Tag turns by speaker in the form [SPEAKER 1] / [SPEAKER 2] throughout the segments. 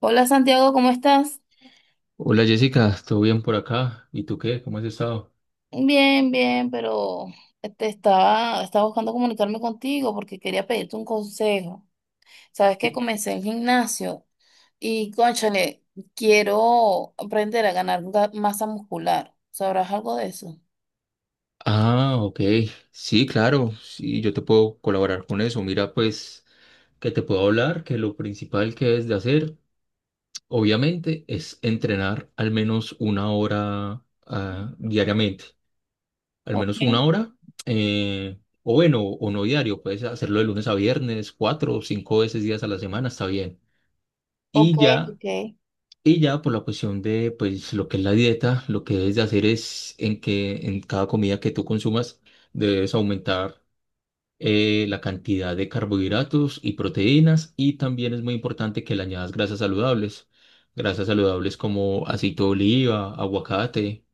[SPEAKER 1] Hola Santiago, ¿cómo estás?
[SPEAKER 2] Hola Jessica, ¿todo bien por acá? ¿Y tú qué? ¿Cómo has estado?
[SPEAKER 1] Bien, bien, pero te estaba buscando comunicarme contigo porque quería pedirte un consejo. Sabes que comencé el gimnasio y, cónchale, quiero aprender a ganar masa muscular. ¿Sabrás algo de eso?
[SPEAKER 2] Ah, ok. Sí, claro. Sí, yo te puedo colaborar con eso. Mira, pues, que te puedo hablar, que lo principal que es de hacer, obviamente, es entrenar al menos una hora diariamente. Al
[SPEAKER 1] Ok,
[SPEAKER 2] menos una hora. O bueno, o no diario. Puedes hacerlo de lunes a viernes, cuatro o cinco veces días a la semana, está bien.
[SPEAKER 1] ok,
[SPEAKER 2] Y ya.
[SPEAKER 1] ok,
[SPEAKER 2] Y ya por la cuestión de pues lo que es la dieta, lo que debes de hacer es en que en cada comida que tú consumas debes aumentar la cantidad de carbohidratos y proteínas y también es muy importante que le añadas grasas saludables como aceite de oliva, aguacate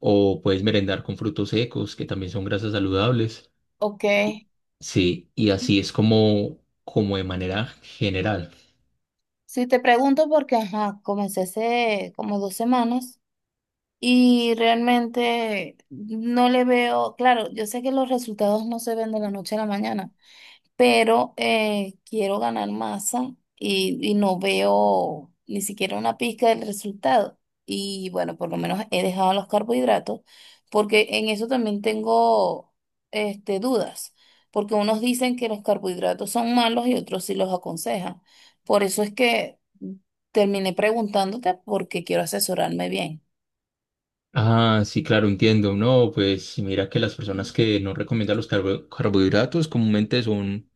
[SPEAKER 2] o puedes merendar con frutos secos que también son grasas saludables.
[SPEAKER 1] ok.
[SPEAKER 2] Sí, y así es como de manera general.
[SPEAKER 1] Sí, te pregunto porque, ajá, comencé hace como 2 semanas y realmente no le veo, claro, yo sé que los resultados no se ven de la noche a la mañana, pero quiero ganar masa y no veo ni siquiera una pizca del resultado. Y bueno, por lo menos he dejado los carbohidratos, porque en eso también tengo dudas, porque unos dicen que los carbohidratos son malos y otros sí los aconsejan. Por eso es que terminé preguntándote porque quiero asesorarme bien.
[SPEAKER 2] Ah, sí, claro, entiendo. No, pues mira que las personas que no recomiendan los carbohidratos comúnmente son,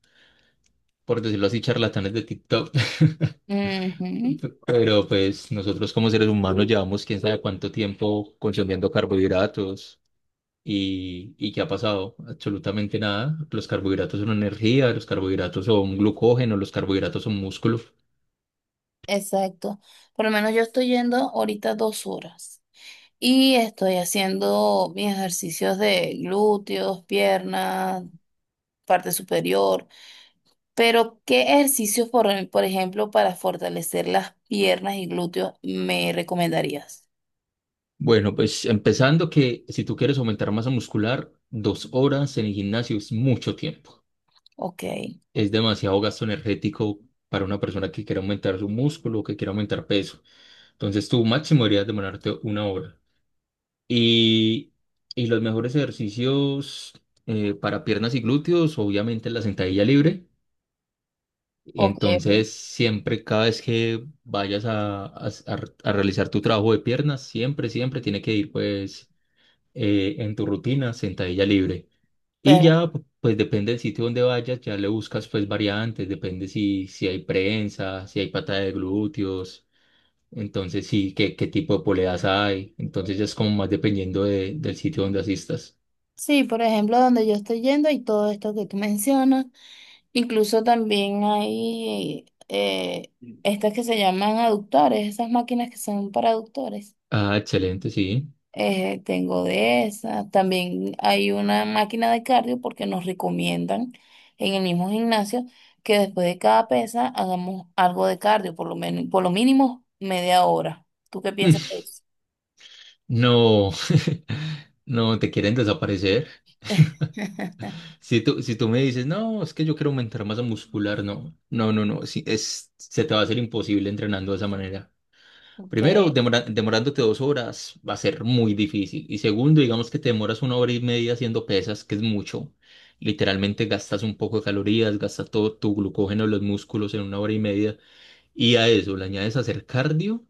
[SPEAKER 2] por decirlo así, charlatanes de TikTok.
[SPEAKER 1] Ujú.
[SPEAKER 2] Pero pues nosotros como seres humanos llevamos quién sabe cuánto tiempo consumiendo carbohidratos y ¿qué ha pasado? Absolutamente nada. Los carbohidratos son energía, los carbohidratos son glucógeno, los carbohidratos son músculo.
[SPEAKER 1] Exacto. Por lo menos yo estoy yendo ahorita 2 horas. Y estoy haciendo mis ejercicios de glúteos, piernas, parte superior. Pero, ¿qué ejercicios, por ejemplo, para fortalecer las piernas y glúteos me recomendarías?
[SPEAKER 2] Bueno, pues empezando que si tú quieres aumentar masa muscular, 2 horas en el gimnasio es mucho tiempo.
[SPEAKER 1] Ok,
[SPEAKER 2] Es demasiado gasto energético para una persona que quiera aumentar su músculo o que quiera aumentar peso. Entonces, tu máximo deberías demorarte una hora. Y, y los mejores ejercicios para piernas y glúteos, obviamente la sentadilla libre.
[SPEAKER 1] ok, ok.
[SPEAKER 2] Entonces, siempre, cada vez que vayas a realizar tu trabajo de piernas, siempre, siempre tiene que ir pues en tu rutina sentadilla libre. Y
[SPEAKER 1] Pero,
[SPEAKER 2] ya, pues depende del sitio donde vayas, ya le buscas pues variantes, depende si hay prensa, si hay pata de glúteos, entonces sí, qué tipo de poleas hay, entonces ya es como más dependiendo del sitio donde asistas.
[SPEAKER 1] sí, por ejemplo, donde yo estoy yendo y todo esto que tú mencionas, incluso también hay estas que se llaman aductores, esas máquinas que son para aductores.
[SPEAKER 2] Ah, excelente, sí.
[SPEAKER 1] Tengo de esa. También hay una máquina de cardio porque nos recomiendan en el mismo gimnasio que después de cada pesa hagamos algo de cardio, por lo menos, por lo mínimo media hora. ¿Tú qué piensas
[SPEAKER 2] Mm,
[SPEAKER 1] de eso?
[SPEAKER 2] No, no, te quieren desaparecer. Si tú me dices, no, es que yo quiero aumentar masa muscular, no, no, no, no, sí, se te va a hacer imposible entrenando de esa manera.
[SPEAKER 1] Ok.
[SPEAKER 2] Primero, demorándote 2 horas va a ser muy difícil. Y segundo, digamos que te demoras una hora y media haciendo pesas, que es mucho. Literalmente gastas un poco de calorías, gastas todo tu glucógeno en los músculos en una hora y media. Y a eso le añades hacer cardio,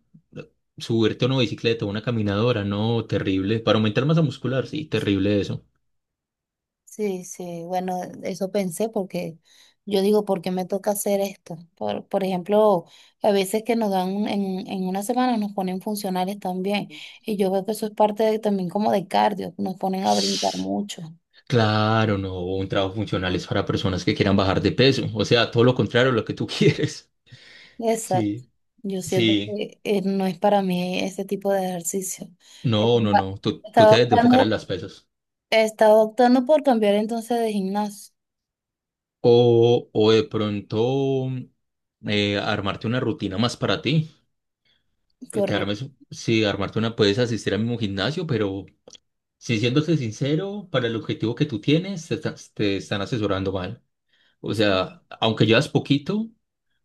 [SPEAKER 2] subirte a una bicicleta, a una caminadora, no, terrible. Para aumentar masa muscular, sí, terrible eso.
[SPEAKER 1] Sí, sí, bueno, eso pensé porque yo digo, ¿por qué me toca hacer esto? Por ejemplo, a veces que nos dan en una semana nos ponen funcionales también y yo veo que eso es parte también como de cardio, nos ponen a brincar mucho.
[SPEAKER 2] Claro, no, un trabajo funcional es para personas que quieran bajar de peso. O sea, todo lo contrario a lo que tú quieres.
[SPEAKER 1] Exacto,
[SPEAKER 2] Sí,
[SPEAKER 1] yo siento
[SPEAKER 2] sí.
[SPEAKER 1] que no es para mí ese tipo de ejercicio.
[SPEAKER 2] No, no,
[SPEAKER 1] Estaba
[SPEAKER 2] no. Tú
[SPEAKER 1] estaba
[SPEAKER 2] te debes de enfocar en
[SPEAKER 1] optando,
[SPEAKER 2] las pesas.
[SPEAKER 1] estaba optando por cambiar entonces de gimnasio,
[SPEAKER 2] O de pronto armarte una rutina más para ti. Que te
[SPEAKER 1] correcto.
[SPEAKER 2] armes, sí, armarte una, puedes asistir al mismo gimnasio, pero si siéndote sincero, para el objetivo que tú tienes, te están asesorando mal. O
[SPEAKER 1] Sí.
[SPEAKER 2] sea, aunque llevas poquito,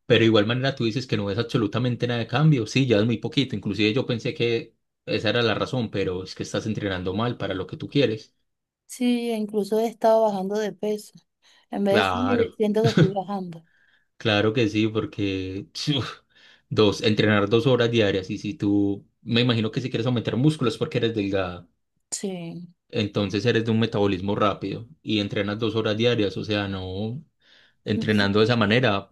[SPEAKER 2] pero de igual manera tú dices que no ves absolutamente nada de cambio. Sí, llevas muy poquito. Inclusive yo pensé que esa era la razón, pero es que estás entrenando mal para lo que tú quieres.
[SPEAKER 1] Sí, e incluso he estado bajando de peso. En vez de
[SPEAKER 2] Claro.
[SPEAKER 1] subir, siento que estoy bajando.
[SPEAKER 2] Claro que sí, porque uf, entrenar 2 horas diarias y si tú, me imagino que si quieres aumentar músculos porque eres delgada,
[SPEAKER 1] Sí.
[SPEAKER 2] entonces eres de un metabolismo rápido y entrenas 2 horas diarias, o sea, no,
[SPEAKER 1] No.
[SPEAKER 2] entrenando de esa manera,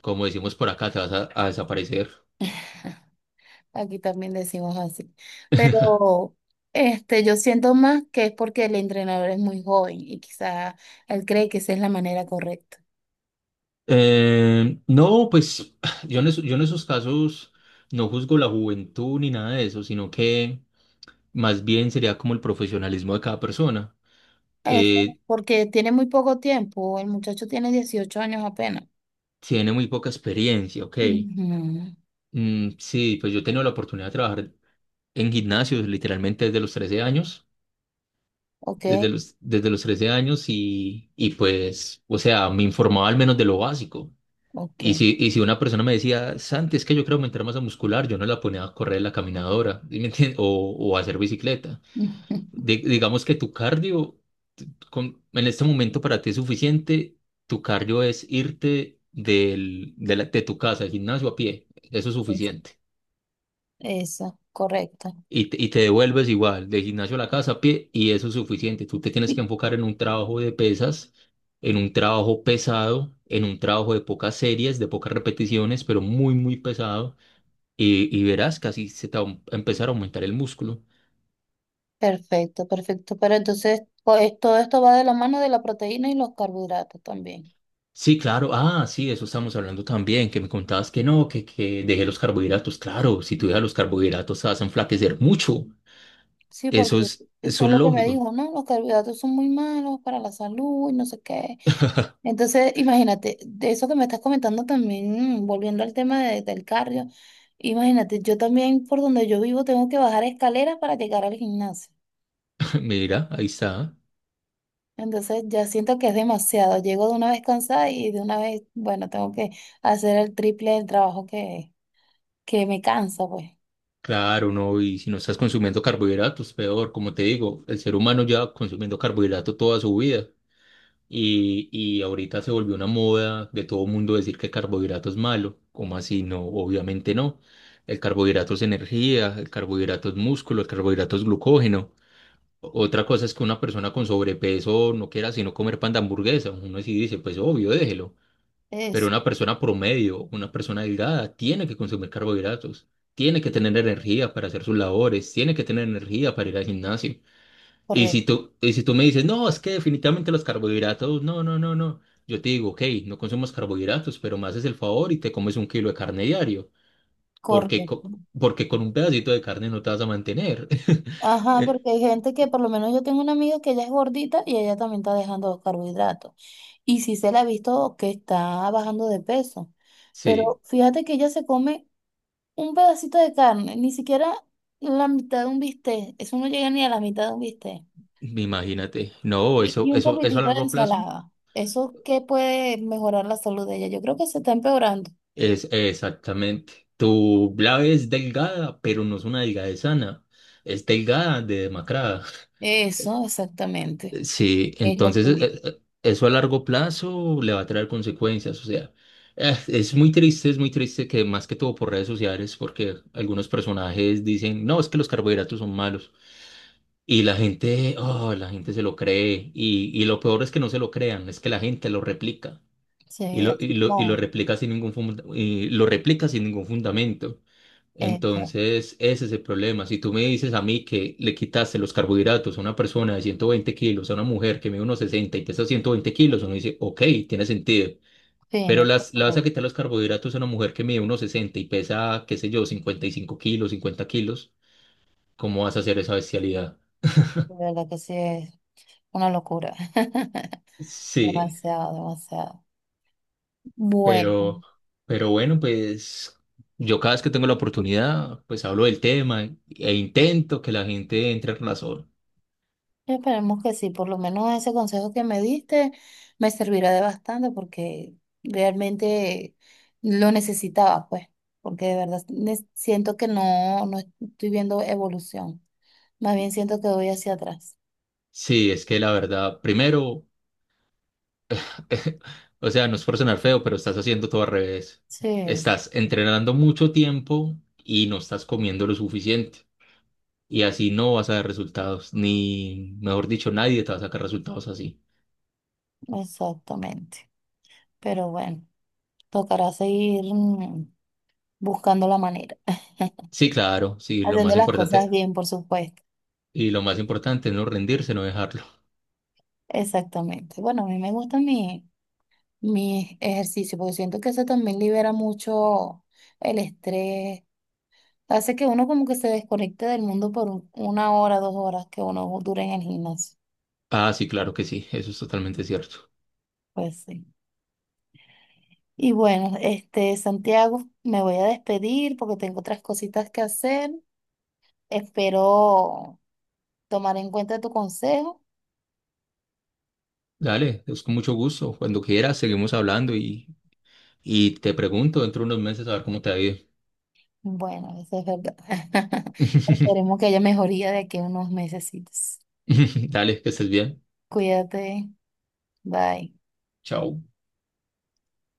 [SPEAKER 2] como decimos por acá, te vas a desaparecer.
[SPEAKER 1] Aquí también decimos así. Pero yo siento más que es porque el entrenador es muy joven y quizá él cree que esa es la manera correcta.
[SPEAKER 2] No, pues yo en esos casos no juzgo la juventud ni nada de eso, sino que más bien sería como el profesionalismo de cada persona.
[SPEAKER 1] Eso,
[SPEAKER 2] Eh,
[SPEAKER 1] porque tiene muy poco tiempo. El muchacho tiene 18 años apenas.
[SPEAKER 2] tiene muy poca experiencia, ok.
[SPEAKER 1] Ujú.
[SPEAKER 2] Sí, pues yo he tenido la oportunidad de trabajar en gimnasios literalmente desde los 13 años,
[SPEAKER 1] Ok,
[SPEAKER 2] desde los 13 años y pues, o sea, me informaba al menos de lo básico.
[SPEAKER 1] ok.
[SPEAKER 2] Y si una persona me decía, Santi, es que yo quiero aumentar masa muscular, yo no la ponía a correr en la caminadora, ¿sí me entiendes? O a hacer bicicleta. Di- digamos que tu cardio, t- en este momento para ti es suficiente, tu cardio es irte de tu casa al gimnasio a pie, eso es
[SPEAKER 1] Es-
[SPEAKER 2] suficiente.
[SPEAKER 1] Eso, correcto.
[SPEAKER 2] Y te devuelves igual, del gimnasio a la casa a pie, y eso es suficiente. Tú te tienes que enfocar en un trabajo de pesas, en un trabajo pesado, en un trabajo de pocas series, de pocas repeticiones, pero muy, muy pesado, y verás que así se te va a empezar a aumentar el músculo.
[SPEAKER 1] Perfecto, perfecto. Pero entonces todo esto va de la mano de la proteína y los carbohidratos también.
[SPEAKER 2] Sí, claro, sí, de eso estamos hablando también, que me contabas que no, que dejé los carbohidratos, claro, si tú dejas los carbohidratos te vas a enflaquecer mucho,
[SPEAKER 1] Sí, porque
[SPEAKER 2] eso es, eso
[SPEAKER 1] fue
[SPEAKER 2] es
[SPEAKER 1] lo que me
[SPEAKER 2] lógico.
[SPEAKER 1] dijo, ¿no? Los carbohidratos son muy malos para la salud y no sé qué. Entonces, imagínate, de eso que me estás comentando también, volviendo al tema del cardio, imagínate, yo también por donde yo vivo tengo que bajar escaleras para llegar al gimnasio.
[SPEAKER 2] Mira, ahí está.
[SPEAKER 1] Entonces ya siento que es demasiado. Llego de una vez cansada y de una vez, bueno, tengo que hacer el triple del trabajo que me cansa, pues.
[SPEAKER 2] Claro, no, y si no estás consumiendo carbohidratos, peor, como te digo, el ser humano lleva consumiendo carbohidrato toda su vida y ahorita se volvió una moda de todo mundo decir que el carbohidrato es malo, ¿cómo así? No, obviamente no. El carbohidrato es energía, el carbohidrato es músculo, el carbohidrato es glucógeno. Otra cosa es que una persona con sobrepeso no quiera sino comer pan de hamburguesa, uno sí dice, pues obvio, déjelo, pero
[SPEAKER 1] Eso.
[SPEAKER 2] una persona promedio, una persona delgada, tiene que consumir carbohidratos, tiene que tener energía para hacer sus labores, tiene que tener energía para ir al gimnasio. Y si
[SPEAKER 1] Correcto,
[SPEAKER 2] tú, y si tú me dices, no, es que definitivamente los carbohidratos, no, no, no, no. Yo te digo, ok, no consumas carbohidratos, pero me haces el favor y te comes un kilo de carne diario, porque,
[SPEAKER 1] correcto.
[SPEAKER 2] co- porque con un pedacito de carne no te vas a mantener.
[SPEAKER 1] Ajá,
[SPEAKER 2] Eh,
[SPEAKER 1] porque hay gente que, por lo menos yo tengo una amiga que ella es gordita y ella también está dejando los carbohidratos. Y sí se la ha visto que está bajando de peso.
[SPEAKER 2] Sí,
[SPEAKER 1] Pero fíjate que ella se come un pedacito de carne, ni siquiera la mitad de un bistec. Eso no llega ni a la mitad de un bistec.
[SPEAKER 2] imagínate. No,
[SPEAKER 1] Y,
[SPEAKER 2] eso,
[SPEAKER 1] y un
[SPEAKER 2] eso, eso a
[SPEAKER 1] poquitito de
[SPEAKER 2] largo plazo.
[SPEAKER 1] ensalada. ¿Eso qué puede mejorar la salud de ella? Yo creo que se está empeorando.
[SPEAKER 2] Es exactamente. Tu blave es delgada, pero no es una delgadez sana. Es delgada de demacrada.
[SPEAKER 1] Eso, exactamente.
[SPEAKER 2] Sí,
[SPEAKER 1] Es lo
[SPEAKER 2] entonces
[SPEAKER 1] que vi.
[SPEAKER 2] eso a largo plazo le va a traer consecuencias. O sea, es muy triste que más que todo por redes sociales, porque algunos personajes dicen, no, es que los carbohidratos son malos. Y la gente, oh, la gente se lo cree. Y lo peor es que no se lo crean, es que la gente lo replica. Y
[SPEAKER 1] Sí,
[SPEAKER 2] lo,
[SPEAKER 1] es
[SPEAKER 2] y lo, y lo
[SPEAKER 1] como
[SPEAKER 2] replica sin ningún fundamento.
[SPEAKER 1] eso.
[SPEAKER 2] Entonces, ese es el problema. Si tú me dices a mí que le quitaste los carbohidratos a una persona de 120 kilos, a una mujer que mide unos 60 y pesa 120 kilos, uno dice, ok, tiene sentido.
[SPEAKER 1] Sí,
[SPEAKER 2] Pero
[SPEAKER 1] no.
[SPEAKER 2] le vas a quitar los carbohidratos a una mujer que mide unos 60 y pesa, qué sé yo, 55 kilos, 50 kilos, ¿cómo vas a hacer esa bestialidad?
[SPEAKER 1] De verdad que sí es una locura.
[SPEAKER 2] Sí,
[SPEAKER 1] Demasiado, demasiado.
[SPEAKER 2] pero,
[SPEAKER 1] Bueno,
[SPEAKER 2] pero bueno, pues yo cada vez que tengo la oportunidad, pues hablo del tema e intento que la gente entre en razón.
[SPEAKER 1] esperemos que sí, por lo menos ese consejo que me diste me servirá de bastante porque realmente lo necesitaba, pues, porque de verdad siento que no, no estoy viendo evolución, más bien siento que voy hacia atrás.
[SPEAKER 2] Sí, es que la verdad, primero O sea, no es por sonar feo, pero estás haciendo todo al revés.
[SPEAKER 1] Sí,
[SPEAKER 2] Estás entrenando mucho tiempo y no estás comiendo lo suficiente. Y así no vas a dar resultados, ni, mejor dicho, nadie te va a sacar resultados así.
[SPEAKER 1] exactamente. Pero bueno, tocará seguir buscando la manera,
[SPEAKER 2] Sí, claro, sí, lo
[SPEAKER 1] haciendo
[SPEAKER 2] más
[SPEAKER 1] las cosas
[SPEAKER 2] importante,
[SPEAKER 1] bien, por supuesto.
[SPEAKER 2] y lo más importante es no rendirse, no dejarlo.
[SPEAKER 1] Exactamente. Bueno, a mí me gusta mi ejercicio porque siento que eso también libera mucho el estrés. Hace que uno como que se desconecte del mundo por una hora, 2 horas que uno dure en el gimnasio.
[SPEAKER 2] Ah, sí, claro que sí, eso es totalmente cierto.
[SPEAKER 1] Pues sí. Y bueno, Santiago, me voy a despedir porque tengo otras cositas que hacer. Espero tomar en cuenta tu consejo.
[SPEAKER 2] Dale, es con mucho gusto. Cuando quieras, seguimos hablando y te pregunto dentro de unos meses a ver cómo te ha ido.
[SPEAKER 1] Bueno, eso es verdad. Esperemos que haya mejoría de aquí a unos mesecitos.
[SPEAKER 2] Dale, que estés bien.
[SPEAKER 1] Cuídate. Bye.
[SPEAKER 2] Chao.